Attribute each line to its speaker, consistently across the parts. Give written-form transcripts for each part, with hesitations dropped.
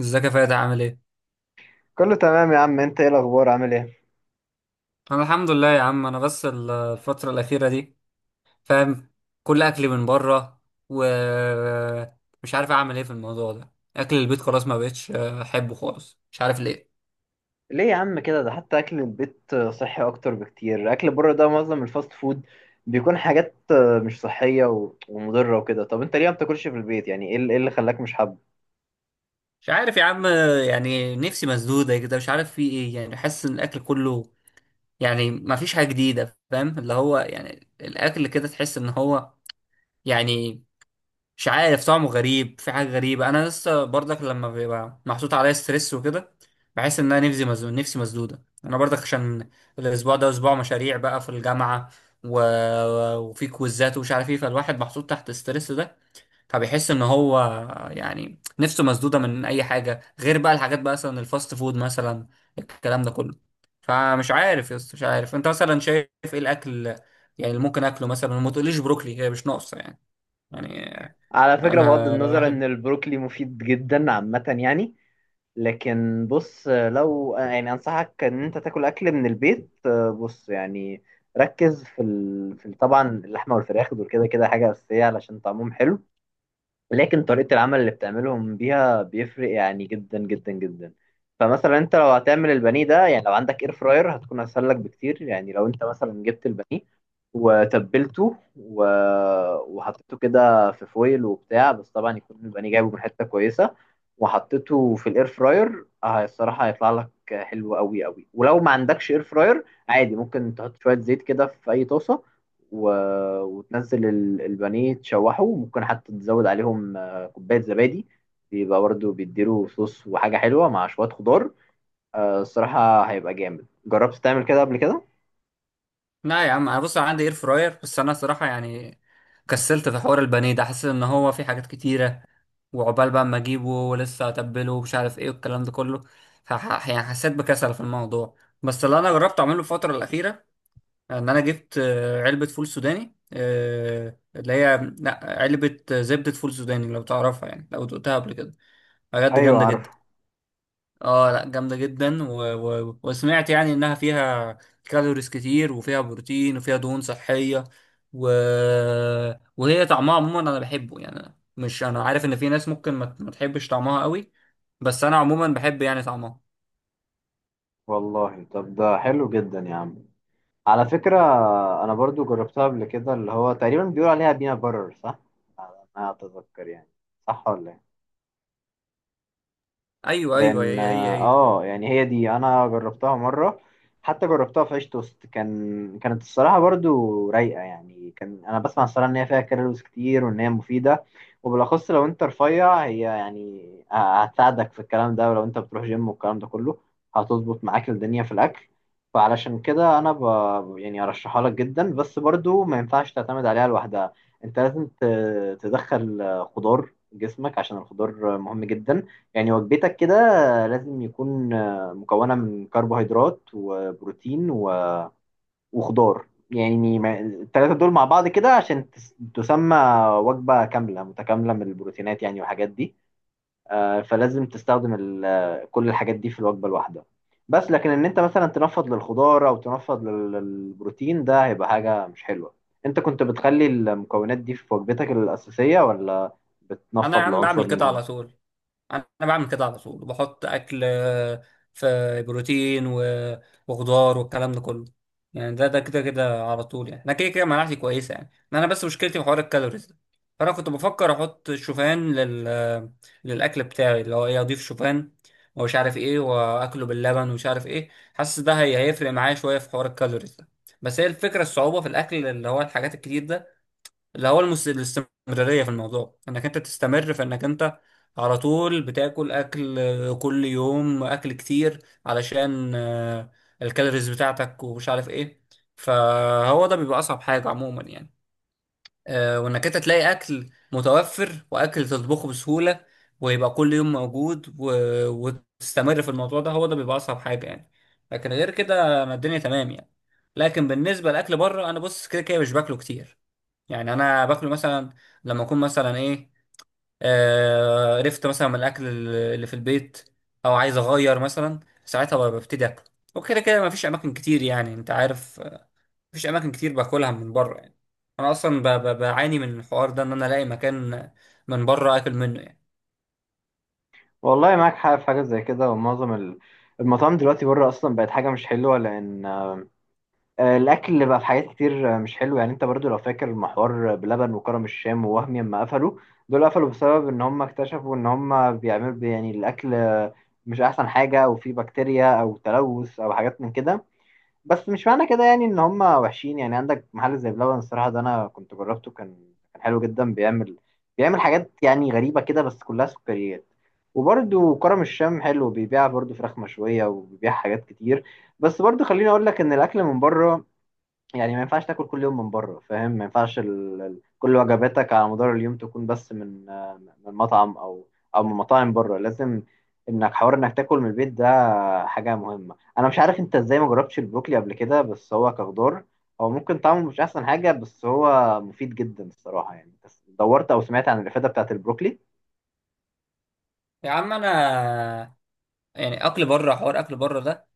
Speaker 1: ازيك يا فادي عامل ايه؟
Speaker 2: كله تمام يا عم. انت ايه الاخبار، عامل ايه؟
Speaker 1: انا الحمد لله يا عم، انا بس الفترة الأخيرة دي، فاهم، كل أكلي من بره، ومش عارف أعمل ايه في الموضوع ده. أكل البيت خلاص ما بقتش أحبه خالص، مش عارف ليه.
Speaker 2: ليه يا عم كده؟ ده حتى اكل البيت صحي اكتر بكتير. اكل بره ده معظم الفاست فود بيكون حاجات مش صحية و- ومضرة وكده. طب انت ليه ما بتاكلش في البيت؟ يعني ايه اللي خلاك مش حابه؟
Speaker 1: مش عارف يا عم، يعني نفسي مسدودة كده، مش عارف في ايه. يعني حاسس إن الأكل كله، يعني ما فيش حاجة جديدة، فاهم، اللي هو يعني الأكل كده تحس إن هو، يعني، مش عارف طعمه غريب، في حاجة غريبة. أنا لسه برضك لما بيبقى محطوط عليا ستريس وكده، بحس إن أنا نفسي مزنوق، نفسي مسدودة. أنا برضك عشان الأسبوع ده أسبوع مشاريع بقى في الجامعة، و... وفي كويزات ومش عارف إيه، فالواحد محطوط تحت الستريس ده، فبيحس إن هو، يعني، نفسه مسدودة من أي حاجة غير بقى الحاجات، بقى مثلا الفاست فود مثلا، الكلام ده كله. فمش عارف يا اسطى، مش عارف أنت مثلا شايف إيه الأكل يعني اللي ممكن آكله مثلا. وما تقوليش بروكلي، هي مش ناقصة يعني، يعني
Speaker 2: على فكرة، بغض
Speaker 1: انا
Speaker 2: النظر ان
Speaker 1: الواحد.
Speaker 2: البروكلي مفيد جدا عامة، يعني لكن بص، لو يعني انصحك ان انت تاكل اكل من البيت. بص، يعني ركز طبعا اللحمة والفراخ دول كده كده حاجة اساسية علشان طعمهم حلو. لكن طريقة العمل اللي بتعملهم بيها بيفرق يعني جدا جدا جدا. فمثلا انت لو هتعمل البانيه ده، يعني لو عندك اير فراير هتكون اسهل لك بكتير. يعني لو انت مثلا جبت البانيه وتبلته و... وحطيته كده في فويل وبتاع، بس طبعا يكون البانيه جايبه من حتة كويسة، وحطيته في الاير فراير، اه الصراحة هيطلع لك حلو قوي قوي. ولو ما عندكش اير فراير عادي، ممكن تحط شوية زيت كده في اي طاسة و... وتنزل البانيه تشوحه، وممكن حتى تزود عليهم كوباية زبادي، بيبقى برضه بيديله صوص وحاجة حلوة مع شوية خضار. الصراحة هيبقى جامد. جربت تعمل كده قبل كده؟
Speaker 1: لا يا عم، انا بص، أنا عندي اير فراير، بس انا صراحه يعني كسلت في حوار البانيه ده. حاسس ان هو في حاجات كتيره، وعقبال بقى اما اجيبه ولسه اتبله ومش عارف ايه والكلام ده كله، يعني حسيت بكسل في الموضوع. بس اللي انا جربت اعمله الفتره الاخيره ان انا جبت علبه فول سوداني، اللي هي لا، علبه زبده فول سوداني. لو تعرفها، يعني لو دقتها قبل كده، بجد
Speaker 2: ايوه،
Speaker 1: جامده
Speaker 2: عارفه.
Speaker 1: جدا. اه لا، جامدة جدا، وسمعت يعني انها فيها كالوريز كتير وفيها بروتين وفيها دهون صحية، و... وهي طعمها عموما انا بحبه. يعني مش، انا عارف ان في ناس ممكن ما تحبش طعمها قوي، بس انا عموما بحب يعني طعمها.
Speaker 2: والله طب ده حلو جدا يا عم. على فكره انا برضو جربتها قبل كده، اللي هو تقريبا بيقول عليها بينا برر، صح؟ انا اتذكر يعني، صح ولا إيه؟
Speaker 1: ايوه ايوه،
Speaker 2: لان
Speaker 1: هي هي هي.
Speaker 2: يعني هي دي انا جربتها مره. حتى جربتها في عيش توست. كانت الصراحه برضو رايقه. يعني كان انا بسمع الصراحه ان هي فيها كالوريز كتير وان هي مفيده، وبالاخص لو انت رفيع هي يعني هتساعدك في الكلام ده. ولو انت بتروح جيم والكلام ده كله، هتظبط معاك الدنيا في الاكل. فعلشان كده انا يعني ارشحها لك جدا. بس برضو ما ينفعش تعتمد عليها لوحدها. انت لازم تدخل خضار جسمك عشان الخضار مهم جدا. يعني وجبتك كده لازم يكون مكونة من كربوهيدرات وبروتين و- وخضار. يعني التلاتة دول مع بعض كده عشان تسمى وجبة كاملة متكاملة من البروتينات، يعني والحاجات دي. فلازم تستخدم كل الحاجات دي في الوجبة الواحدة. بس لكن ان انت مثلا تنفض للخضار او تنفض للبروتين ده هيبقى حاجة مش حلوة. انت كنت بتخلي المكونات دي في وجبتك الأساسية ولا
Speaker 1: انا يا
Speaker 2: بتنفض
Speaker 1: عم
Speaker 2: لعنصر
Speaker 1: بعمل كده
Speaker 2: منهم؟
Speaker 1: على طول، انا بعمل كده على طول، وبحط اكل في بروتين وخضار والكلام ده كله. يعني ده كده كده على طول، يعني انا كده كده مناعتي كويسه، يعني انا بس مشكلتي في حوار الكالوريز ده. فانا كنت بفكر احط شوفان لل للاكل بتاعي، اللي هو ايه، اضيف شوفان ومش عارف ايه واكله باللبن ومش عارف ايه. حاسس ده هي هيفرق معايا شويه في حوار الكالوريز ده. بس هي الفكره الصعوبه في الاكل، اللي هو الحاجات الكتير ده، اللي هو الاستمرارية في الموضوع، انك انت تستمر في انك انت على طول بتاكل اكل كل يوم، اكل كتير علشان الكالوريز بتاعتك ومش عارف ايه. فهو ده بيبقى اصعب حاجة عموما يعني. وانك انت تلاقي اكل متوفر واكل تطبخه بسهولة، ويبقى كل يوم موجود، وتستمر في الموضوع ده، هو ده بيبقى اصعب حاجة يعني. لكن غير كده انا الدنيا تمام يعني. لكن بالنسبة لأكل بره، انا بص كده كده مش باكله كتير. يعني انا باكله مثلا لما اكون مثلا ايه، آه قرفت مثلا من الاكل اللي في البيت، او عايز اغير مثلا، ساعتها ببتدي اكل. وكده كده مفيش اماكن كتير، يعني انت عارف، مفيش اماكن كتير باكلها من بره يعني. انا اصلا بعاني من الحوار ده ان انا الاقي مكان من بره اكل منه يعني.
Speaker 2: والله معاك حق في حاجة زي كده. ومعظم المطاعم دلوقتي بره أصلا بقت حاجة مش حلوة، لأن الأكل اللي بقى في حاجات كتير مش حلو. يعني أنت برضو لو فاكر المحور بلبن وكرم الشام ووهمي لما قفلوا، دول قفلوا بسبب إن هم اكتشفوا إن هم بيعملوا يعني الأكل مش أحسن حاجة، أو فيه بكتيريا أو تلوث أو حاجات من كده. بس مش معنى كده يعني ان هم وحشين. يعني عندك محل زي بلبن، الصراحه ده انا كنت جربته كان حلو جدا. بيعمل حاجات يعني غريبه كده بس كلها سكريات. وبرده كرم الشام حلو، بيبيع برده فراخ مشويه وبيبيع حاجات كتير. بس برده خليني اقول لك ان الاكل من بره، يعني ما ينفعش تاكل كل يوم من بره، فاهم؟ ما ينفعش كل وجباتك على مدار اليوم تكون بس من من مطعم او من مطاعم بره. لازم انك حوار انك تاكل من البيت حاجة مهمة. أنا مش عارف أنت إزاي ما جربتش البروكلي قبل كده، بس هو كخضار هو ممكن طعمه مش أحسن حاجة، بس هو مفيد جدا الصراحة. يعني بس دورت أو سمعت عن الإفادة بتاعة البروكلي؟
Speaker 1: يا عم انا، يعني اكل بره، حوار اكل بره ده،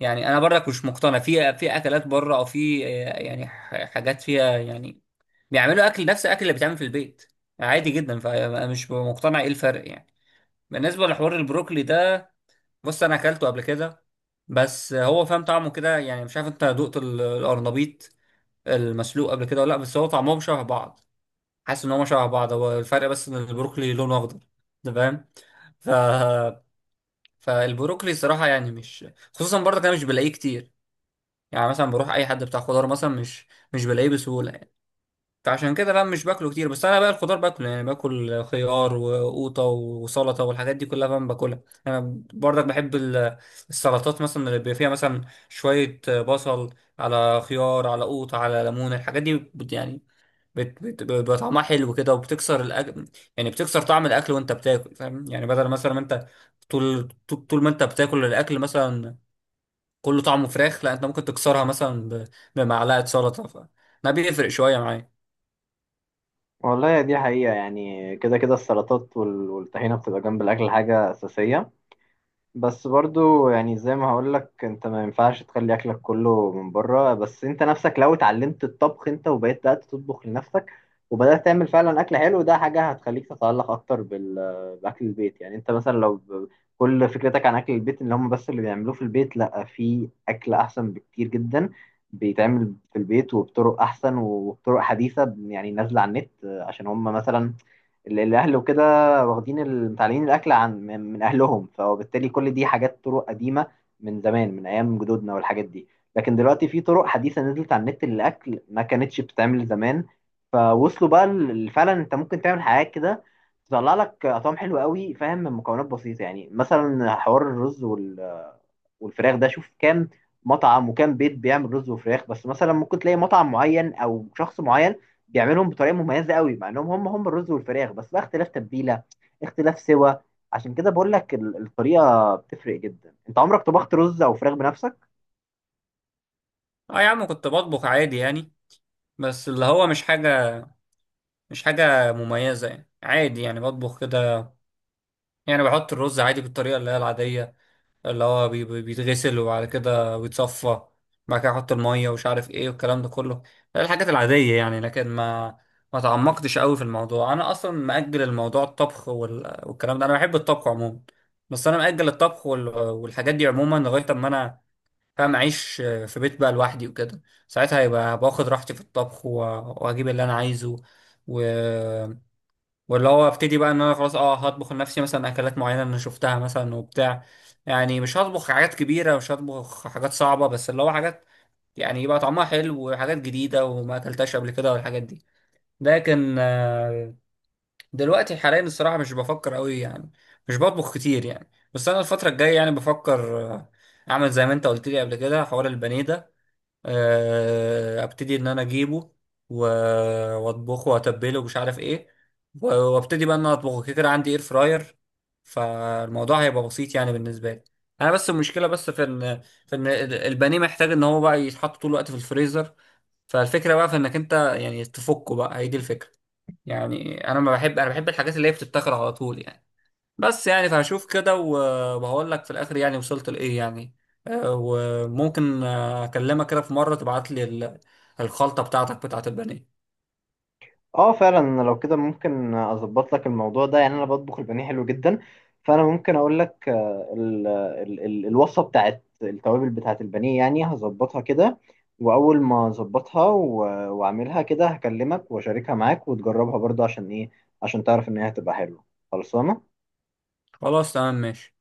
Speaker 1: يعني انا برضك مش مقتنع في اكلات بره، او في يعني حاجات فيها يعني بيعملوا اكل نفس الاكل اللي بيتعمل في البيت عادي جدا، فانا مش مقتنع ايه الفرق يعني. بالنسبه لحوار البروكلي ده، بص انا اكلته قبل كده، بس هو، فاهم، طعمه كده يعني. مش عارف انت دقت القرنبيط المسلوق قبل كده ولا لا، بس هو طعمهم شبه بعض، حاسس ان هم شبه بعض. هو الفرق بس ان البروكلي لونه اخضر، انت فاهم؟ ف فالبروكلي صراحه يعني مش، خصوصا برضك انا مش بلاقيه كتير. يعني مثلا بروح اي حد بتاع خضار مثلا، مش، مش بلاقيه بسهوله يعني. فعشان كده بقى مش باكله كتير. بس انا بقى الخضار باكله، يعني باكل خيار وقوطه وسلطه والحاجات دي كلها بقى باكلها. انا برضك بحب السلطات، مثلا اللي بيبقى فيها مثلا شويه بصل على خيار على قوطه على ليمون. الحاجات دي بت، يعني، بيبقى طعمها حلو كده وبتكسر الأكل، يعني بتكسر طعم الاكل وانت بتاكل، فاهم يعني؟ بدل مثلا ما انت طول طول طول ما انت بتاكل الاكل مثلا كله طعمه فراخ، لا انت ممكن تكسرها مثلا بمعلقه سلطه، ده بيفرق شويه معايا.
Speaker 2: والله دي حقيقة. يعني كده كده السلطات وال- والطحينة بتبقى جنب الأكل حاجة أساسية. بس برضو يعني زي ما هقولك انت ما ينفعش تخلي اكلك كله من بره. بس انت نفسك لو اتعلمت الطبخ انت وبقيت بدأت تطبخ لنفسك وبدأت تعمل فعلا اكل حلو، ده حاجة هتخليك تتعلق اكتر باكل البيت. يعني انت مثلا لو كل فكرتك عن اكل البيت اللي هم بس اللي بيعملوه في البيت، لا في اكل احسن بكتير جدا بيتعمل في البيت وبطرق احسن وبطرق حديثة، يعني نازلة على النت. عشان هم مثلا الاهل وكده واخدين متعلمين الاكل عن من اهلهم، فبالتالي كل دي حاجات طرق قديمه من زمان، من ايام جدودنا والحاجات دي. لكن دلوقتي في طرق حديثه نزلت على النت للاكل ما كانتش بتتعمل زمان. فوصلوا بقى فعلا انت ممكن تعمل حاجات كده تطلع لك اطعام حلوه قوي، فاهم؟ من مكونات بسيطه، يعني مثلا حوار الرز وال والفراخ ده شوف كام مطعم وكام بيت بيعمل رز وفراخ. بس مثلا ممكن تلاقي مطعم معين او شخص معين بيعملهم بطريقه مميزه قوي، مع انهم هم هم الرز والفراخ بس، بقى اختلاف تتبيله، اختلاف سوا. عشان كده بقول لك الطريقه بتفرق جدا. انت عمرك طبخت رز او فراخ بنفسك؟
Speaker 1: اه يا عم كنت بطبخ عادي يعني، بس اللي هو مش حاجه، مش حاجه مميزه. يعني عادي يعني بطبخ كده. يعني بحط الرز عادي بالطريقه اللي هي العاديه، اللي هو بيتغسل وبعد كده بيتصفى، بعد كده احط الميه ومش عارف ايه والكلام ده كله. ده الحاجات العاديه يعني، لكن ما تعمقتش قوي في الموضوع. انا اصلا مأجل الموضوع، الطبخ والكلام ده، انا بحب الطبخ عموما. بس انا مأجل الطبخ والحاجات دي عموما لغايه اما انا، فاهم، اعيش في بيت بقى لوحدي وكده. ساعتها هيبقى باخد راحتي في الطبخ، واجيب اللي انا عايزه، و... واللي هو ابتدي بقى ان انا خلاص، اه، هطبخ لنفسي مثلا اكلات معينه انا شفتها مثلا وبتاع. يعني مش هطبخ حاجات كبيره، مش هطبخ حاجات صعبه، بس اللي هو حاجات يعني يبقى طعمها حلو وحاجات جديده وما اكلتهاش قبل كده والحاجات دي. لكن دلوقتي حاليا الصراحه مش بفكر قوي يعني، مش بطبخ كتير يعني. بس انا الفتره الجايه يعني بفكر اعمل زي ما انت قلت لي قبل كده حوار البانيه ده. ابتدي ان انا اجيبه، و- واطبخه واتبله ومش عارف ايه، وابتدي بقى ان انا اطبخه. كده كده عندي اير فراير، فالموضوع هيبقى بسيط يعني بالنسبه لي. انا بس المشكله بس في ان، في ان البانيه محتاج ان هو بقى يتحط طول الوقت في الفريزر، فالفكره بقى في انك انت يعني تفكه بقى، هي دي الفكره. يعني انا ما بحب، انا بحب الحاجات اللي هي بتتاكل على طول يعني. بس يعني فهشوف كده، وهقول لك في الاخر يعني وصلت لايه يعني. وممكن اكلمك كده في مره تبعت لي الخلطه بتاعتك بتاعت البانيه.
Speaker 2: اه فعلا، لو كده ممكن اظبط لك الموضوع ده. يعني انا بطبخ البانيه حلو جدا، فانا ممكن اقول لك ال ال ال الوصفه بتاعت التوابل بتاعت البانيه. يعني هظبطها كده، واول ما اظبطها و- واعملها كده هكلمك واشاركها معاك وتجربها برضه، عشان ايه؟ عشان تعرف ان هي هتبقى حلوه خلصانه.
Speaker 1: خلاص تمام ماشي.